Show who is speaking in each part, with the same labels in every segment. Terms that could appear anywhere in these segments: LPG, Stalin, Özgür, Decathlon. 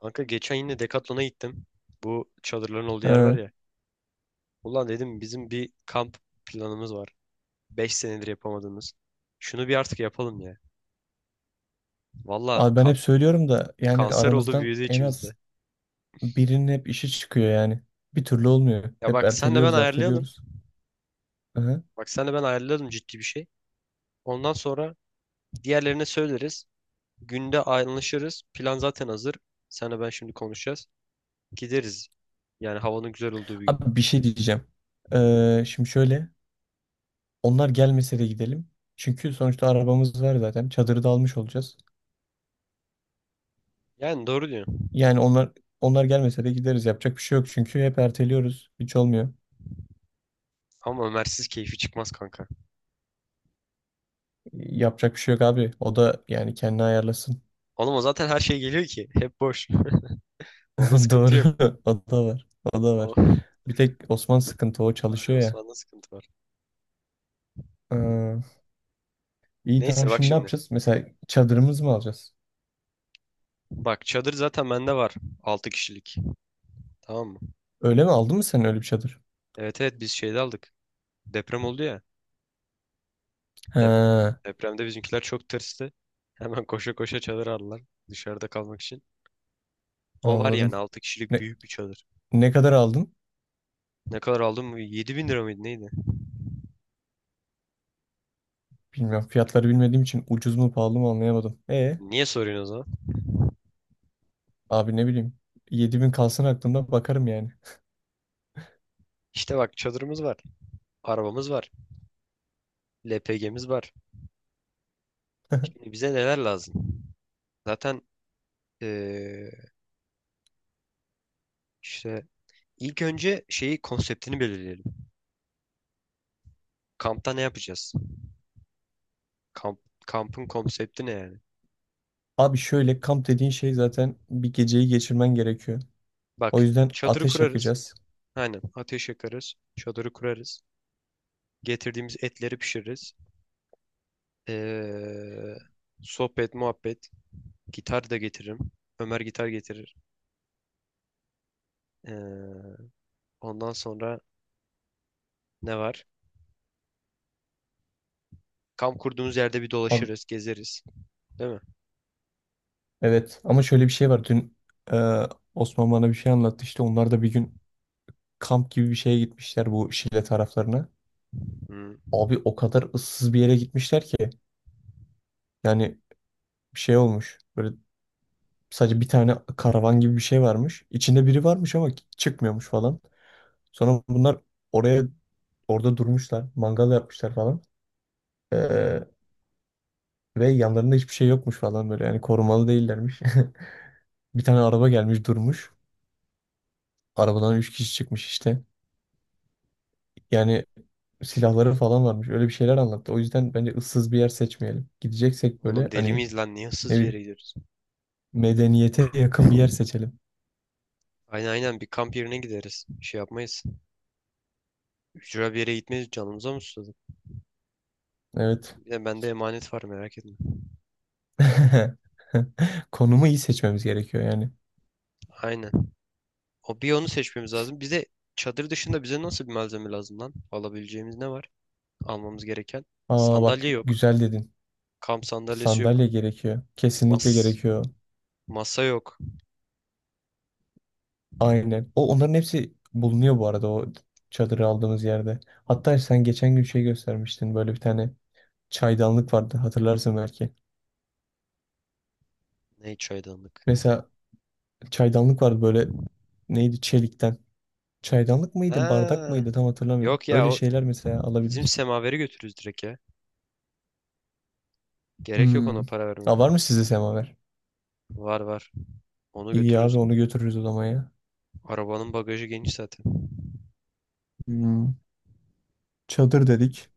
Speaker 1: Kanka geçen yine Decathlon'a gittim. Bu çadırların olduğu yer var
Speaker 2: Ha.
Speaker 1: ya. Ulan dedim bizim bir kamp planımız var. 5 senedir yapamadığımız. Şunu bir artık yapalım ya. Valla
Speaker 2: Abi ben
Speaker 1: ka-
Speaker 2: hep söylüyorum da yani
Speaker 1: kanser oldu
Speaker 2: aramızdan
Speaker 1: büyüdü
Speaker 2: en
Speaker 1: içimizde.
Speaker 2: az birinin hep işi çıkıyor yani. Bir türlü olmuyor.
Speaker 1: Ya
Speaker 2: Hep
Speaker 1: bak senle ben
Speaker 2: erteliyoruz,
Speaker 1: ayarlayalım.
Speaker 2: erteliyoruz. Aha.
Speaker 1: Bak senle ben ayarlayalım ciddi bir şey. Ondan sonra diğerlerine söyleriz. Günde anlaşırız. Plan zaten hazır. Senle ben şimdi konuşacağız. Gideriz. Yani havanın güzel olduğu bir gün.
Speaker 2: Abi bir şey diyeceğim. Şimdi şöyle. Onlar gelmese de gidelim. Çünkü sonuçta arabamız var zaten. Çadırı da almış olacağız.
Speaker 1: Yani doğru diyorsun.
Speaker 2: Yani onlar gelmese de gideriz. Yapacak bir şey yok çünkü hep erteliyoruz. Hiç olmuyor.
Speaker 1: Ama Ömer'siz keyfi çıkmaz kanka.
Speaker 2: Yapacak bir şey yok abi. O da yani kendini ayarlasın.
Speaker 1: Oğlum o zaten her şey geliyor ki. Hep boş. Onda sıkıntı
Speaker 2: Doğru.
Speaker 1: yok.
Speaker 2: O da var. O da
Speaker 1: O,
Speaker 2: var. Bir tek Osman sıkıntı, o
Speaker 1: Aynen
Speaker 2: çalışıyor ya.
Speaker 1: Osman'da sıkıntı var.
Speaker 2: Aa. İyi, tamam,
Speaker 1: Neyse bak
Speaker 2: şimdi ne
Speaker 1: şimdi.
Speaker 2: yapacağız? Mesela çadırımız mı alacağız?
Speaker 1: Bak çadır zaten bende var. 6 kişilik. Tamam mı?
Speaker 2: Öyle mi, aldın mı sen öyle bir çadır?
Speaker 1: Evet evet biz şeyde aldık. Deprem oldu ya.
Speaker 2: He,
Speaker 1: Dep depremde bizimkiler çok tırstı. Hemen koşa koşa çadır aldılar. Dışarıda kalmak için. O var
Speaker 2: anladım.
Speaker 1: yani 6 kişilik
Speaker 2: Ne,
Speaker 1: büyük bir çadır.
Speaker 2: ne kadar aldın?
Speaker 1: Ne kadar aldın mı? 7.000 lira mıydı neydi?
Speaker 2: Bilmiyorum. Fiyatları bilmediğim için ucuz mu pahalı mı anlayamadım.
Speaker 1: Niye soruyorsun o zaman?
Speaker 2: Abi ne bileyim. 7.000 kalsın aklımda, bakarım yani.
Speaker 1: İşte bak çadırımız var. Arabamız var. LPG'miz var. Şimdi bize neler lazım? Zaten eee, işte ilk önce şeyi konseptini belirleyelim. Kampta ne yapacağız? Kamp, kampın konsepti ne yani?
Speaker 2: Abi şöyle, kamp dediğin şey zaten bir geceyi geçirmen gerekiyor.
Speaker 1: Bak
Speaker 2: O yüzden
Speaker 1: çadırı
Speaker 2: ateş
Speaker 1: kurarız.
Speaker 2: yakacağız.
Speaker 1: Aynen ateş yakarız. Çadırı kurarız. Getirdiğimiz etleri pişiririz. Ee, sohbet, muhabbet. Gitar da getiririm. Ömer gitar getirir. Ee, ondan sonra ne var? Kamp kurduğumuz yerde bir
Speaker 2: Abi,
Speaker 1: dolaşırız, gezeriz. Değil mi?
Speaker 2: evet ama şöyle bir şey var. Dün e, Osman bana bir şey anlattı, işte onlar da bir gün kamp gibi bir şeye gitmişler, bu Şile taraflarına.
Speaker 1: Hı.
Speaker 2: Abi o kadar ıssız bir yere gitmişler ki. Yani bir şey olmuş. Böyle sadece bir tane karavan gibi bir şey varmış. İçinde biri varmış ama çıkmıyormuş falan. Sonra bunlar oraya orada durmuşlar. Mangal yapmışlar falan. Ee, Ve yanlarında hiçbir şey yokmuş falan böyle. Yani korumalı değillermiş. Bir tane araba gelmiş, durmuş. Arabadan üç kişi çıkmış işte. Yani silahları falan varmış. Öyle bir şeyler anlattı. O yüzden bence ıssız bir yer seçmeyelim. Gideceksek
Speaker 1: Oğlum
Speaker 2: böyle
Speaker 1: deli
Speaker 2: hani.
Speaker 1: miyiz lan? Niye
Speaker 2: Ne
Speaker 1: hırsız bir yere
Speaker 2: bileyim.
Speaker 1: gidiyoruz?
Speaker 2: Medeniyete yakın bir yer seçelim.
Speaker 1: Aynen aynen bir kamp yerine gideriz. Şey yapmayız. Ücra bir yere gitmeyiz. Canımıza mı susadık?
Speaker 2: Evet.
Speaker 1: Bir de bende emanet var merak etme.
Speaker 2: Konumu iyi seçmemiz gerekiyor yani.
Speaker 1: Aynen. O bir onu seçmemiz lazım. Bize çadır dışında nasıl bir malzeme lazım lan? Alabileceğimiz ne var? Almamız gereken.
Speaker 2: Aa, bak
Speaker 1: Sandalye yok.
Speaker 2: güzel dedin.
Speaker 1: Kamp sandalyesi
Speaker 2: Sandalye
Speaker 1: yok.
Speaker 2: gerekiyor. Kesinlikle
Speaker 1: Mas
Speaker 2: gerekiyor.
Speaker 1: masa yok.
Speaker 2: Aynen. O, onların hepsi bulunuyor bu arada, o çadırı aldığımız yerde. Hatta sen geçen gün şey göstermiştin. Böyle bir tane çaydanlık vardı. Hatırlarsın belki.
Speaker 1: Ne çaydanlık?
Speaker 2: Mesela çaydanlık vardı böyle, neydi, çelikten. Çaydanlık mıydı, bardak
Speaker 1: Ha,
Speaker 2: mıydı tam hatırlamıyorum.
Speaker 1: yok ya
Speaker 2: Öyle
Speaker 1: o
Speaker 2: şeyler mesela
Speaker 1: bizim
Speaker 2: alabiliriz.
Speaker 1: semaveri götürürüz direkt ya. Gerek yok
Speaker 2: Hmm.
Speaker 1: ona para verme.
Speaker 2: Aa, var mı sizde semaver?
Speaker 1: Var var. Onu
Speaker 2: İyi abi,
Speaker 1: götürürüz.
Speaker 2: onu götürürüz o zaman ya.
Speaker 1: Arabanın bagajı geniş zaten.
Speaker 2: Hmm. Çadır dedik.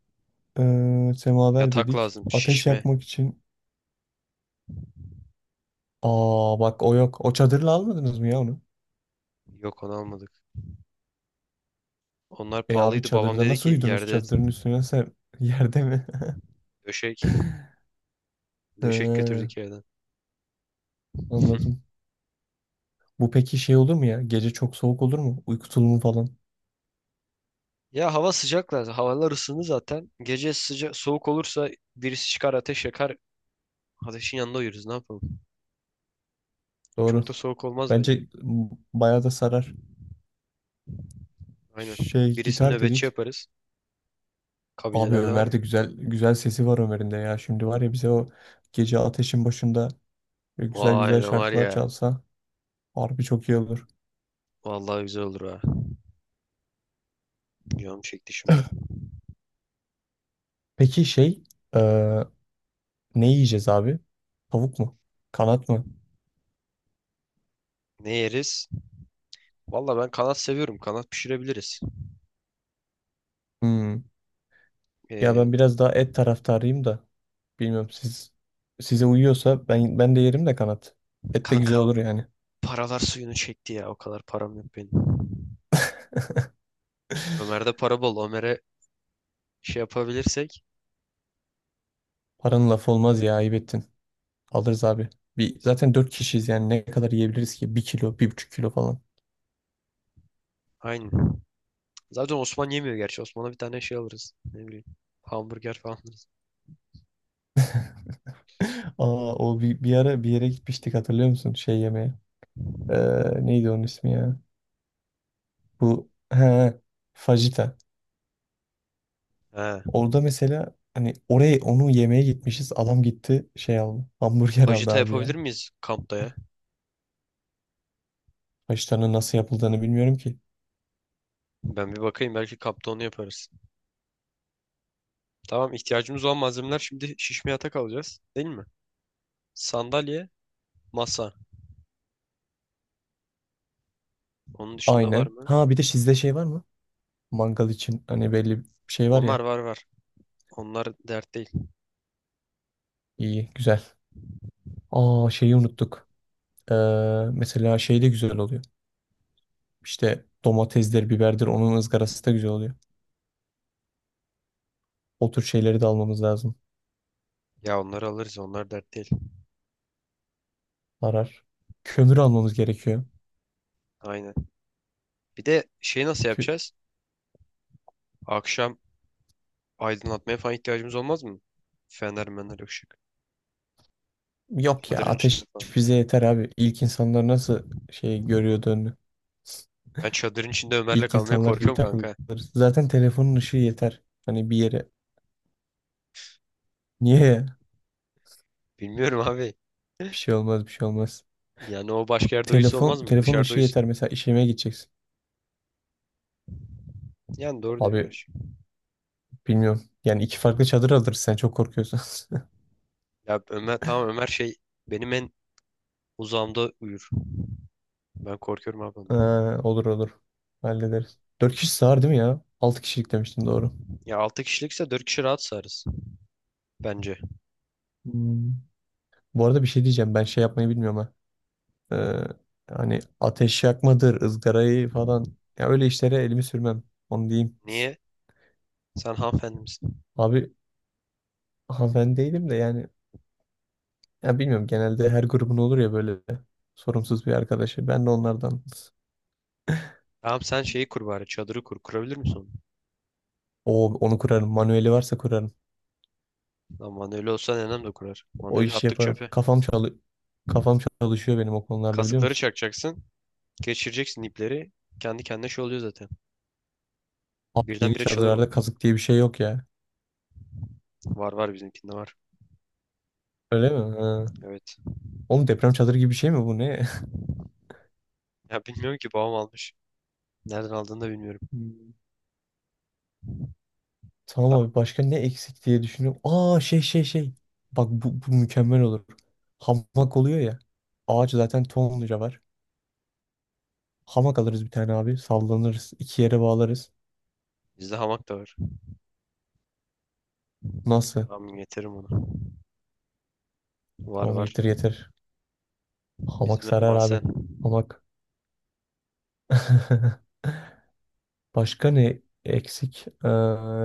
Speaker 2: Semaver
Speaker 1: Yatak
Speaker 2: dedik.
Speaker 1: lazım.
Speaker 2: Ateş
Speaker 1: Şişme.
Speaker 2: yakmak için. Aa bak, o yok. O çadırla almadınız mı ya onu?
Speaker 1: Yok onu almadık. Onlar
Speaker 2: E abi,
Speaker 1: pahalıydı. Babam
Speaker 2: çadırda
Speaker 1: dedi
Speaker 2: nasıl
Speaker 1: ki
Speaker 2: uyudunuz?
Speaker 1: yerde yat.
Speaker 2: Çadırın üstüne sen yerde mi?
Speaker 1: Döşek. Döşek
Speaker 2: Ee,
Speaker 1: götürdük yerden.
Speaker 2: Anladım. Bu peki şey olur mu ya? Gece çok soğuk olur mu? Uyku tulumu falan.
Speaker 1: Ya hava sıcak lazım. Havalar ısındı zaten. Gece sıcak soğuk olursa birisi çıkar ateş yakar. Ateşin yanında uyuruz ne yapalım.
Speaker 2: Doğru.
Speaker 1: Çok da soğuk olmaz
Speaker 2: Bence
Speaker 1: bence.
Speaker 2: bayağı da sarar.
Speaker 1: Aynen.
Speaker 2: Şey,
Speaker 1: Birisini
Speaker 2: gitar
Speaker 1: nöbetçi
Speaker 2: dedik.
Speaker 1: yaparız.
Speaker 2: Abi
Speaker 1: Kabilelerde var
Speaker 2: Ömer
Speaker 1: ya.
Speaker 2: de, güzel güzel sesi var Ömer'in de ya. Şimdi var ya, bize o gece ateşin başında böyle güzel
Speaker 1: Vay
Speaker 2: güzel
Speaker 1: ne var
Speaker 2: şarkılar
Speaker 1: ya.
Speaker 2: çalsa harbi çok iyi olur.
Speaker 1: Vallahi güzel olur ha. Canım çekti şimdi.
Speaker 2: Peki şey, eee, ne yiyeceğiz abi? Tavuk mu? Kanat mı?
Speaker 1: Ne yeriz? Valla ben kanat seviyorum. Kanat pişirebiliriz.
Speaker 2: Hmm. Ya
Speaker 1: Ee,
Speaker 2: ben biraz daha et taraftarıyım da, bilmiyorum, siz, size uyuyorsa ben de yerim de kanat. Et de güzel
Speaker 1: kanka
Speaker 2: olur yani.
Speaker 1: paralar suyunu çekti ya. O kadar param yok benim. Ömer'de para bol. Ömer'e şey yapabilirsek.
Speaker 2: Paranın lafı olmaz ya, ayıp ettin. Alırız abi. Bir, zaten 4 kişiyiz, yani ne kadar yiyebiliriz ki? 1 kilo, 1,5 kilo falan.
Speaker 1: Aynen. Zaten Osman yemiyor gerçi. Osman'a bir tane şey alırız. Ne bileyim. Hamburger falan alırız.
Speaker 2: Aa, o bir ara bir yere gitmiştik, hatırlıyor musun? Şey yemeye. Neydi onun ismi ya? Bu fajita.
Speaker 1: He.
Speaker 2: Orada mesela, hani oraya onu yemeye gitmişiz. Adam gitti şey aldı. Hamburger aldı
Speaker 1: Fajita
Speaker 2: abi
Speaker 1: yapabilir
Speaker 2: ya.
Speaker 1: miyiz kampta ya?
Speaker 2: Haşlarının nasıl yapıldığını bilmiyorum ki.
Speaker 1: Ben bir bakayım. Belki kampta onu yaparız. Tamam ihtiyacımız olan malzemeler şimdi şişme yatak alacağız. Değil mi? Sandalye, masa. Onun dışında var
Speaker 2: Aynen.
Speaker 1: mı?
Speaker 2: Ha, bir de sizde şey var mı? Mangal için hani belli bir şey var
Speaker 1: Onlar
Speaker 2: ya.
Speaker 1: var var. Onlar dert değil.
Speaker 2: İyi, güzel. Aa, şeyi unuttuk. Ee, Mesela şey de güzel oluyor. İşte domatesdir, biberdir, onun ızgarası da güzel oluyor. O tür şeyleri de almamız lazım.
Speaker 1: Ya onları alırız. Onlar dert değil.
Speaker 2: Arar. Kömür almamız gerekiyor.
Speaker 1: Aynen. Bir de şeyi nasıl
Speaker 2: Kü-
Speaker 1: yapacağız? Akşam aydınlatmaya falan ihtiyacımız olmaz mı? Fener mener ışık.
Speaker 2: Yok ya,
Speaker 1: Çadırın içinde
Speaker 2: ateş
Speaker 1: falan.
Speaker 2: bize yeter abi. İlk insanlar nasıl şey görüyordu önünü?
Speaker 1: Ben çadırın içinde Ömer'le
Speaker 2: İlk
Speaker 1: kalmaya
Speaker 2: insanlar gibi
Speaker 1: korkuyorum kanka.
Speaker 2: takılırız. Zaten telefonun ışığı yeter. Hani bir yere. Niye ya?
Speaker 1: Bilmiyorum abi.
Speaker 2: Bir şey olmaz, bir şey olmaz.
Speaker 1: Yani o başka yerde uyusun olmaz mı?
Speaker 2: Telefonun
Speaker 1: Dışarıda
Speaker 2: ışığı
Speaker 1: uyusun.
Speaker 2: yeter. Mesela işeme gideceksin.
Speaker 1: Yani doğru diyorsun
Speaker 2: Abi
Speaker 1: gerçi.
Speaker 2: bilmiyorum. Yani iki farklı çadır alırız, sen çok korkuyorsan.
Speaker 1: Ya Ömer, tamam, Ömer benim en uzağımda uyur. Ben korkuyorum abi ondan.
Speaker 2: Ha, olur olur. Hallederiz. Dört kişi sığar değil mi ya? Altı kişilik demiştin, doğru.
Speaker 1: Ya 6 kişilikse 4 kişi rahat sığarız. Bence.
Speaker 2: Hmm. Bu arada bir şey diyeceğim. Ben şey yapmayı bilmiyorum ha. Ee, Hani ateş yakmadır, ızgarayı falan. Ya öyle işlere elimi sürmem. Onu diyeyim.
Speaker 1: Niye? Sen hanımefendi misin?
Speaker 2: Abi, ha, ben değilim de yani, ya bilmiyorum, genelde her grubun olur ya böyle sorumsuz bir arkadaşı. Ben de onlardan.
Speaker 1: Tamam sen şeyi kur bari çadırı kur. Kurabilir misin onu?
Speaker 2: O, onu kurarım. Manueli varsa kurarım.
Speaker 1: Lan manueli olsa nenem de kurar.
Speaker 2: O
Speaker 1: Manueli
Speaker 2: işi
Speaker 1: attık
Speaker 2: yaparım.
Speaker 1: çöpe.
Speaker 2: Kafam çalışıyor benim o konularda, biliyor
Speaker 1: Kazıkları
Speaker 2: musun?
Speaker 1: çakacaksın. Geçireceksin ipleri. Kendi kendine şey oluyor zaten.
Speaker 2: Abi yeni
Speaker 1: Birdenbire çadır oluyor.
Speaker 2: çadırlarda kazık diye bir şey yok ya.
Speaker 1: Var var bizimkinde var.
Speaker 2: Öyle mi? Ha.
Speaker 1: Evet.
Speaker 2: Oğlum deprem çadırı gibi bir şey mi bu, ne?
Speaker 1: Ya bilmiyorum ki babam almış. Nereden aldığını da bilmiyorum.
Speaker 2: Tamam abi, başka ne eksik diye düşünüyorum. Aa, şey. Bak bu, mükemmel olur. Hamak oluyor ya. Ağaç zaten tonluca var. Hamak alırız bir tane abi. Sallanırız. İki yere bağlarız.
Speaker 1: Bizde hamak da var.
Speaker 2: Nasıl?
Speaker 1: Tamam getiririm onu. Var
Speaker 2: Tamam,
Speaker 1: var.
Speaker 2: getir getir. Hamak
Speaker 1: Bizim ev
Speaker 2: sarar
Speaker 1: mahzen.
Speaker 2: abi. Hamak. Başka ne eksik?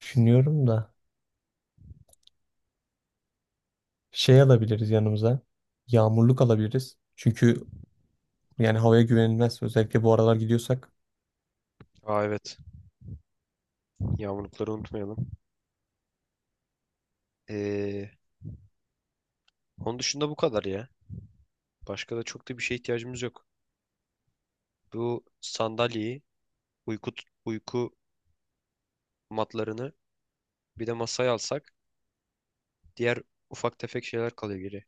Speaker 2: Düşünüyorum da. Şey alabiliriz yanımıza. Yağmurluk alabiliriz. Çünkü yani havaya güvenilmez. Özellikle bu aralar gidiyorsak.
Speaker 1: Aa evet. Yağmurlukları unutmayalım. Ee, onun dışında bu kadar ya. Başka da çok da bir şeye ihtiyacımız yok. Bu sandalyeyi, uyku, uyku matlarını bir de masayı alsak diğer ufak tefek şeyler kalıyor geriye.